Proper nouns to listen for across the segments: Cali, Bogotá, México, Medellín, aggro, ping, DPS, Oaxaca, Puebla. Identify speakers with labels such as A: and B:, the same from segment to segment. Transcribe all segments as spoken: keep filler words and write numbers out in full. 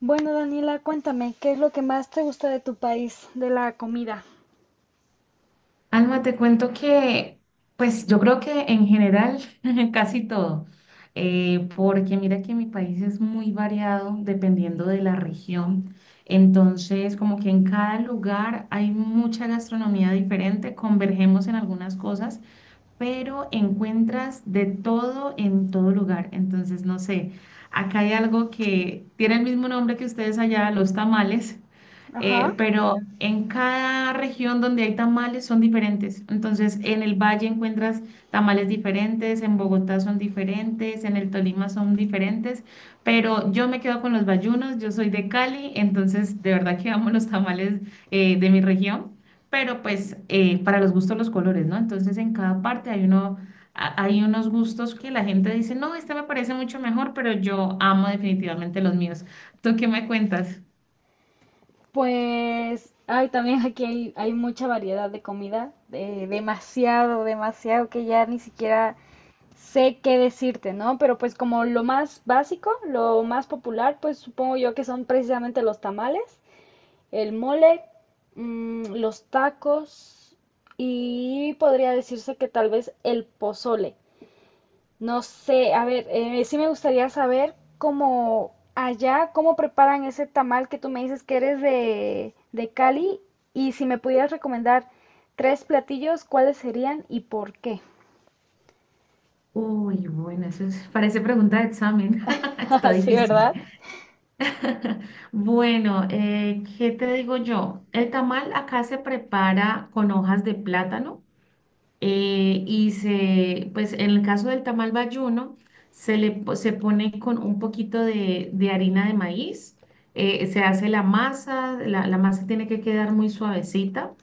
A: Bueno, Daniela, cuéntame, ¿qué es lo que más te gusta de tu país, de la comida?
B: Alma, te cuento que, pues yo creo que en general casi todo, eh, porque mira que mi país es muy variado dependiendo de la región, entonces como que en cada lugar hay mucha gastronomía diferente, convergemos en algunas cosas, pero encuentras de todo en todo lugar, entonces no sé, acá hay algo que tiene el mismo nombre que ustedes allá, los tamales
A: Ajá.
B: eh, pero en cada región donde hay tamales son diferentes. Entonces, en el Valle encuentras tamales diferentes, en Bogotá son diferentes, en el Tolima son diferentes, pero yo me quedo con los bayunos, yo soy de Cali, entonces de verdad que amo los tamales eh, de mi región, pero pues eh, para los gustos los colores, ¿no? Entonces, en cada parte hay uno... a- Hay unos gustos que la gente dice, no, este me parece mucho mejor, pero yo amo definitivamente los míos. ¿Tú qué me cuentas?
A: Pues, ay, también aquí hay, hay mucha variedad de comida, eh, demasiado, demasiado, que ya ni siquiera sé qué decirte, ¿no? Pero pues como lo más básico, lo más popular, pues supongo yo que son precisamente los tamales, el mole, mm, los tacos y podría decirse que tal vez el pozole. No sé, a ver, eh, sí me gustaría saber cómo allá, cómo preparan ese tamal que tú me dices que eres de, de Cali y si me pudieras recomendar tres platillos, ¿cuáles serían y por qué?
B: Uy, bueno, eso es- parece pregunta de examen. Está
A: Sí,
B: difícil.
A: ¿verdad?
B: Bueno, eh, ¿qué te digo yo? El tamal acá se prepara con hojas de plátano eh, y se, pues en el caso del tamal bayuno, se le po- se pone con un poquito de, de harina de maíz, eh, se hace la masa, la, la masa tiene que quedar muy suavecita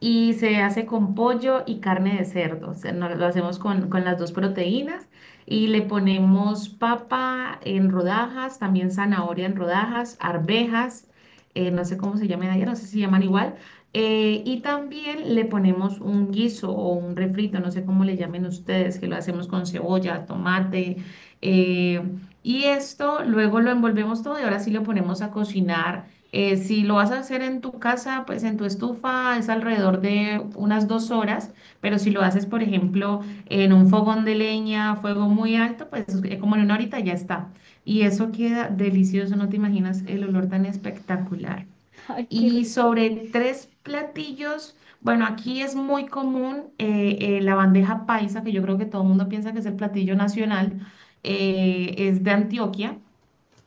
B: y se hace con pollo y carne de cerdo. O sea, no- lo hacemos con, con las dos proteínas y le ponemos papa en rodajas, también zanahoria en rodajas, arvejas, eh, no sé cómo se llaman allá, no sé si se llaman igual. Eh, y también le ponemos un guiso o un refrito, no sé cómo le llamen ustedes, que lo hacemos con cebolla, tomate. eh, y esto luego lo envolvemos todo y ahora sí lo ponemos a cocinar eh, si lo vas a hacer en tu casa, pues en tu estufa es alrededor de unas dos horas, pero si lo haces, por ejemplo, en un fogón de leña, fuego muy alto, pues eh, como en una horita ya está. Y eso queda delicioso, no te imaginas el olor tan espectacular.
A: Ay, qué
B: Y
A: rico.
B: sobre tres platillos, bueno, aquí es muy común eh, eh, la bandeja paisa, que yo creo que todo el mundo piensa que es el platillo nacional, eh, es de Antioquia.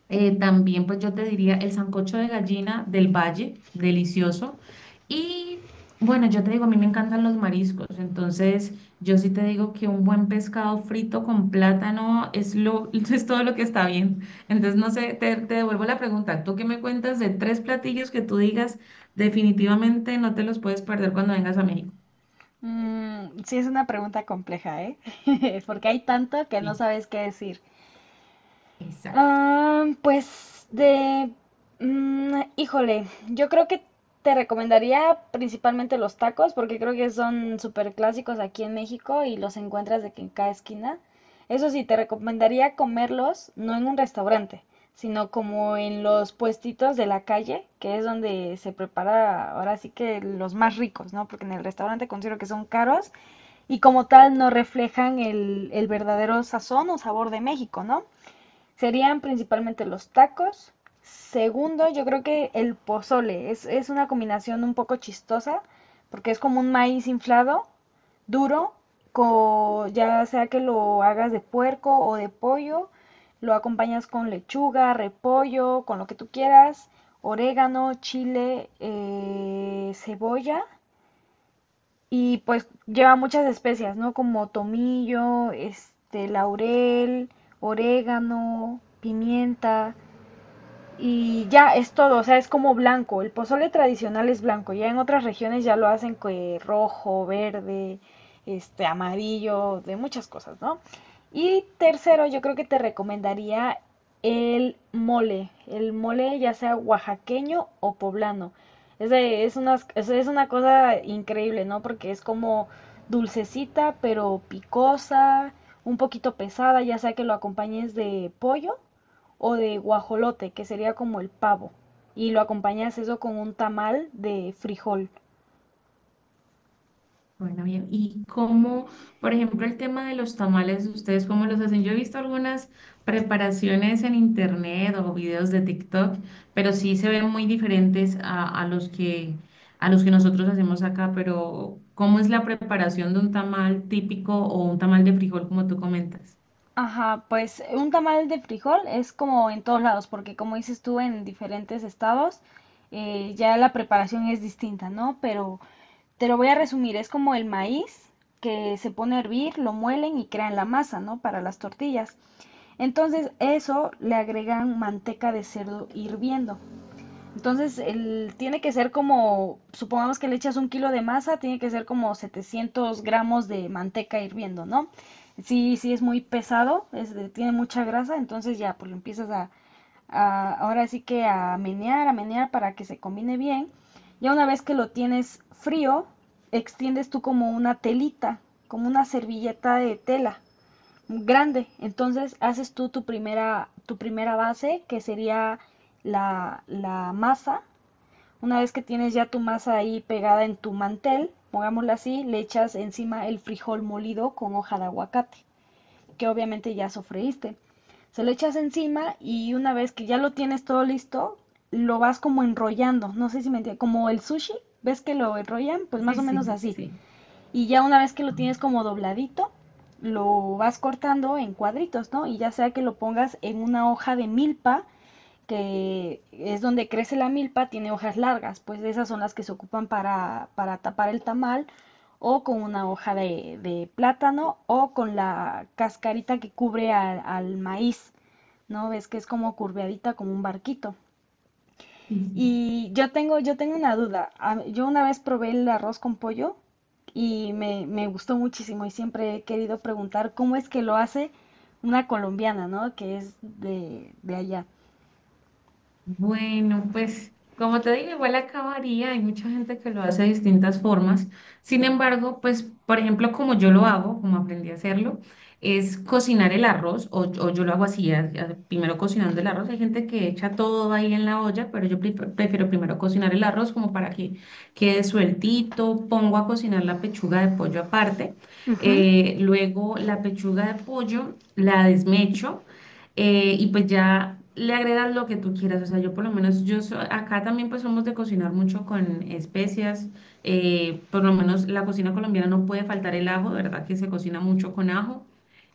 B: Eh, también, pues yo te diría el sancocho de gallina del Valle, delicioso. Y bueno, yo te digo, a mí me encantan los mariscos, entonces yo sí te digo que un buen pescado frito con plátano es lo, es todo lo que está bien. Entonces, no sé, te, te devuelvo la pregunta. ¿Tú qué me cuentas de tres platillos que tú digas definitivamente no te los puedes perder cuando vengas a México?
A: Mm, sí, es una pregunta compleja, ¿eh? Porque hay tanto que no
B: Sí,
A: sabes qué decir.
B: exacto.
A: Ah, pues de... mm, híjole, yo creo que te recomendaría principalmente los tacos porque creo que son súper clásicos aquí en México y los encuentras de que en cada esquina. Eso sí, te recomendaría comerlos no en un restaurante, sino como en los puestitos de la calle, que es donde se prepara ahora sí que los más ricos, ¿no? Porque en el restaurante considero que son caros y como tal no reflejan el, el verdadero sazón o sabor de México, ¿no? Serían principalmente los tacos. Segundo, yo creo que el pozole. Es, es una combinación un poco chistosa, porque es como un maíz inflado, duro, co- ya sea que lo hagas de puerco o de pollo, lo acompañas con lechuga, repollo, con lo que tú quieras, orégano, chile, eh, cebolla y pues lleva muchas especias, ¿no? Como tomillo, este, laurel, orégano, pimienta y ya es todo, o sea, es como blanco. El pozole tradicional es blanco, ya en otras regiones ya lo hacen que rojo, verde, este amarillo, de muchas cosas, ¿no? Y tercero, yo creo que te recomendaría el mole, el mole ya sea oaxaqueño o poblano. Es, de- es, unas- es- es una cosa increíble, ¿no? Porque es como dulcecita, pero picosa, un poquito pesada, ya sea que lo acompañes de pollo o de guajolote, que sería como el pavo. Y lo acompañas eso con un tamal de frijol.
B: Bueno, bien. ¿Y cómo, por ejemplo, el tema de los tamales, ustedes cómo los hacen? Yo he visto algunas preparaciones en internet o videos de TikTok, pero sí se ven muy diferentes a, a los que, a los que nosotros hacemos acá. Pero, ¿cómo es la preparación de un tamal típico o un tamal de frijol, como tú comentas?
A: Ajá, pues un tamal de frijol es como en todos lados, porque como dices tú, en diferentes estados eh, ya la preparación es distinta, ¿no? Pero te lo voy a resumir, es como el maíz que se pone a hervir, lo muelen y crean la masa, ¿no? Para las tortillas. Entonces eso le agregan manteca de cerdo hirviendo. Entonces, el, tiene que ser como, supongamos que le echas un kilo de masa, tiene que ser como setecientos gramos de manteca hirviendo, ¿no? Sí, sí es muy pesado, es de- tiene mucha grasa, entonces ya, pues lo empiezas a, a- ahora sí que a menear, a menear para que se combine bien. Ya una vez que lo tienes frío, extiendes tú como una telita, como una servilleta de tela grande. Entonces haces tú tu primera, tu primera base, que sería la, la masa. Una vez que tienes ya tu masa ahí pegada en tu mantel, pongámoslo así, le echas encima el frijol molido con hoja de aguacate, que obviamente ya sofreíste. Se lo echas encima y una vez que ya lo tienes todo listo, lo vas como enrollando. No sé si me entiendes, como el sushi, ¿ves que lo enrollan? Pues más
B: Sí,
A: o menos
B: sí,
A: así
B: sí.
A: y ya una vez que lo tienes como dobladito, lo vas cortando en cuadritos, ¿no? Y ya sea que lo pongas en una hoja de milpa, que es donde crece la milpa, tiene hojas largas, pues esas son las que se ocupan para, para tapar el tamal, o con una hoja de, de plátano, o con la cascarita que cubre al, al maíz, ¿no? Ves que es como curveadita, como un barquito.
B: Sí, sí.
A: Y yo tengo, yo tengo una duda. A- Yo una vez probé el arroz con pollo y me, me gustó muchísimo y siempre he querido preguntar cómo es que lo hace una colombiana, ¿no? Que es de, de allá.
B: Bueno, pues como te digo, igual acabaría, hay mucha gente que lo hace de distintas formas. Sin embargo, pues por ejemplo, como yo lo hago, como aprendí a hacerlo, es cocinar el arroz o, o yo lo hago así, a- a- primero cocinando el arroz. Hay gente que echa todo ahí en la olla, pero yo pre- prefiero primero cocinar el arroz como para que quede sueltito. Pongo a cocinar la pechuga de pollo aparte.
A: Ujú.
B: Eh, luego la pechuga de pollo la desmecho eh, y pues ya le agregas lo que tú quieras. O sea, yo por lo menos, yo so- acá también pues somos de cocinar mucho con especias. Eh, por lo menos la cocina colombiana no puede faltar el ajo, de ¿verdad? Que se cocina mucho con ajo.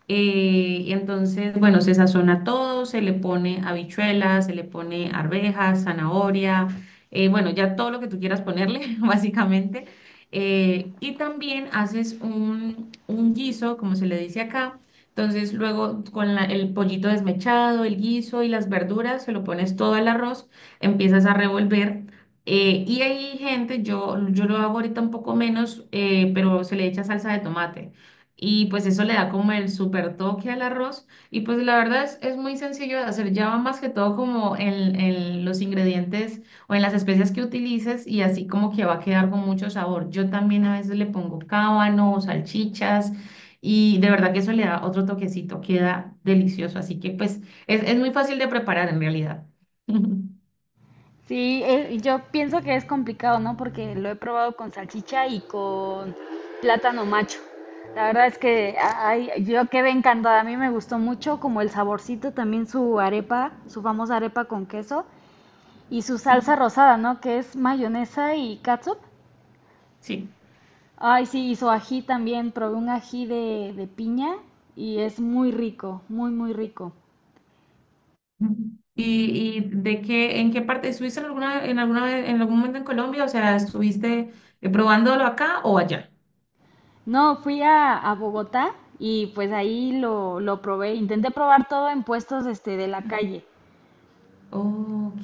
B: Eh, y entonces, bueno, se sazona todo, se le pone habichuelas, se le pone arvejas, zanahoria, eh, bueno, ya todo lo que tú quieras ponerle, básicamente. Eh, y también haces un, un guiso, como se le dice acá. Entonces, luego con la- el pollito desmechado, el guiso y las verduras, se lo pones todo al arroz, empiezas a revolver. Eh, y hay gente, yo, yo lo hago ahorita un poco menos, eh, pero se le echa salsa de tomate. Y pues eso le da como el super toque al arroz. Y pues la verdad es, es muy sencillo de hacer. Ya va más que todo como en, en los ingredientes o en las especias que utilices y así como que va a quedar con mucho sabor. Yo también a veces le pongo cábano o salchichas y de verdad que eso le da otro toquecito. Queda delicioso. Así que pues es, es muy fácil de preparar en realidad.
A: Sí, eh, yo pienso que es complicado, ¿no? Porque lo he probado con salchicha y con plátano macho. La verdad es que ay, yo quedé encantada, a mí me gustó mucho, como el saborcito, también su arepa, su famosa arepa con queso, y su salsa rosada, ¿no? Que es mayonesa y catsup.
B: Sí.
A: Ay, sí, y su ají también. Probé un ají de, de piña y es muy rico, muy, muy rico.
B: ¿Y, y de qué, en qué parte, estuviste en alguna, en alguna vez- en algún momento en Colombia? O sea, ¿estuviste eh, probándolo acá o allá?
A: No, fui a, a Bogotá y pues ahí lo, lo probé. Intenté probar todo en puestos este, de la calle.
B: Ok.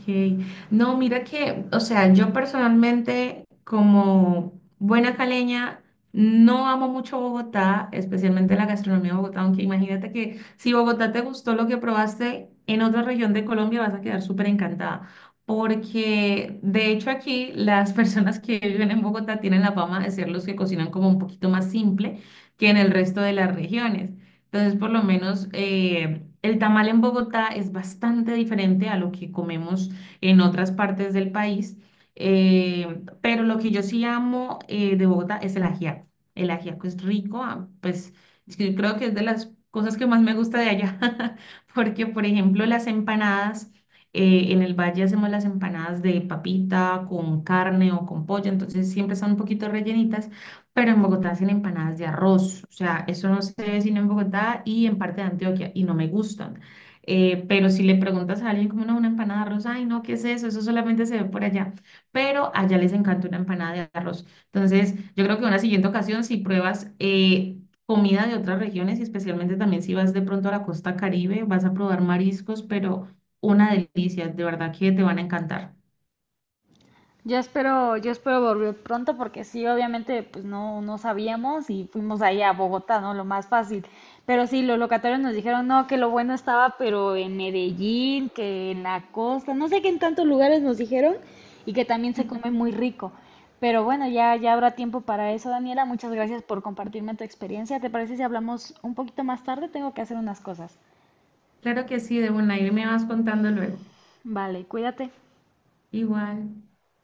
B: No, mira que, o sea, yo personalmente como buena caleña no amo mucho Bogotá, especialmente la gastronomía de Bogotá, aunque imagínate que si Bogotá te gustó lo que probaste en otra región de Colombia vas a quedar súper encantada, porque de hecho aquí las personas que viven en Bogotá tienen la fama de ser los que cocinan como un poquito más simple que en el resto de las regiones. Entonces, por lo menos eh, el tamal en Bogotá es bastante diferente a lo que comemos en otras partes del país, eh, pero lo que yo sí amo eh, de Bogotá es el ajiaco. El ajiaco es rico, ah, pues es que yo creo que es de las cosas que más me gusta de allá, porque por ejemplo las empanadas, eh, en el valle hacemos las empanadas de papita con carne o con pollo, entonces siempre están un poquito rellenitas pero en Bogotá hacen empanadas de arroz, o sea, eso no se ve sino en Bogotá y en parte de Antioquia, y no me gustan. Eh, pero si le preguntas a alguien como no, una empanada de arroz, ay, no, ¿qué es eso? Eso solamente se ve por allá, pero allá les encanta una empanada de arroz. Entonces, yo creo que en una siguiente ocasión, si pruebas eh, comida de otras regiones, y especialmente también si vas de pronto a la costa Caribe, vas a probar mariscos, pero una delicia, de verdad que te van a encantar.
A: Yo espero, yo espero volver pronto porque sí, obviamente, pues no, no sabíamos y fuimos ahí a Bogotá, ¿no? Lo más fácil. Pero sí, los locatarios nos dijeron, no, que lo bueno estaba, pero en Medellín, que en la costa, no sé qué en tantos lugares nos dijeron y que también se come muy rico. Pero bueno, ya, ya habrá tiempo para eso, Daniela. Muchas gracias por compartirme tu experiencia. ¿Te parece si hablamos un poquito más tarde? Tengo que hacer unas cosas.
B: Claro que sí, de una, y me vas contando luego.
A: Vale, cuídate.
B: Igual.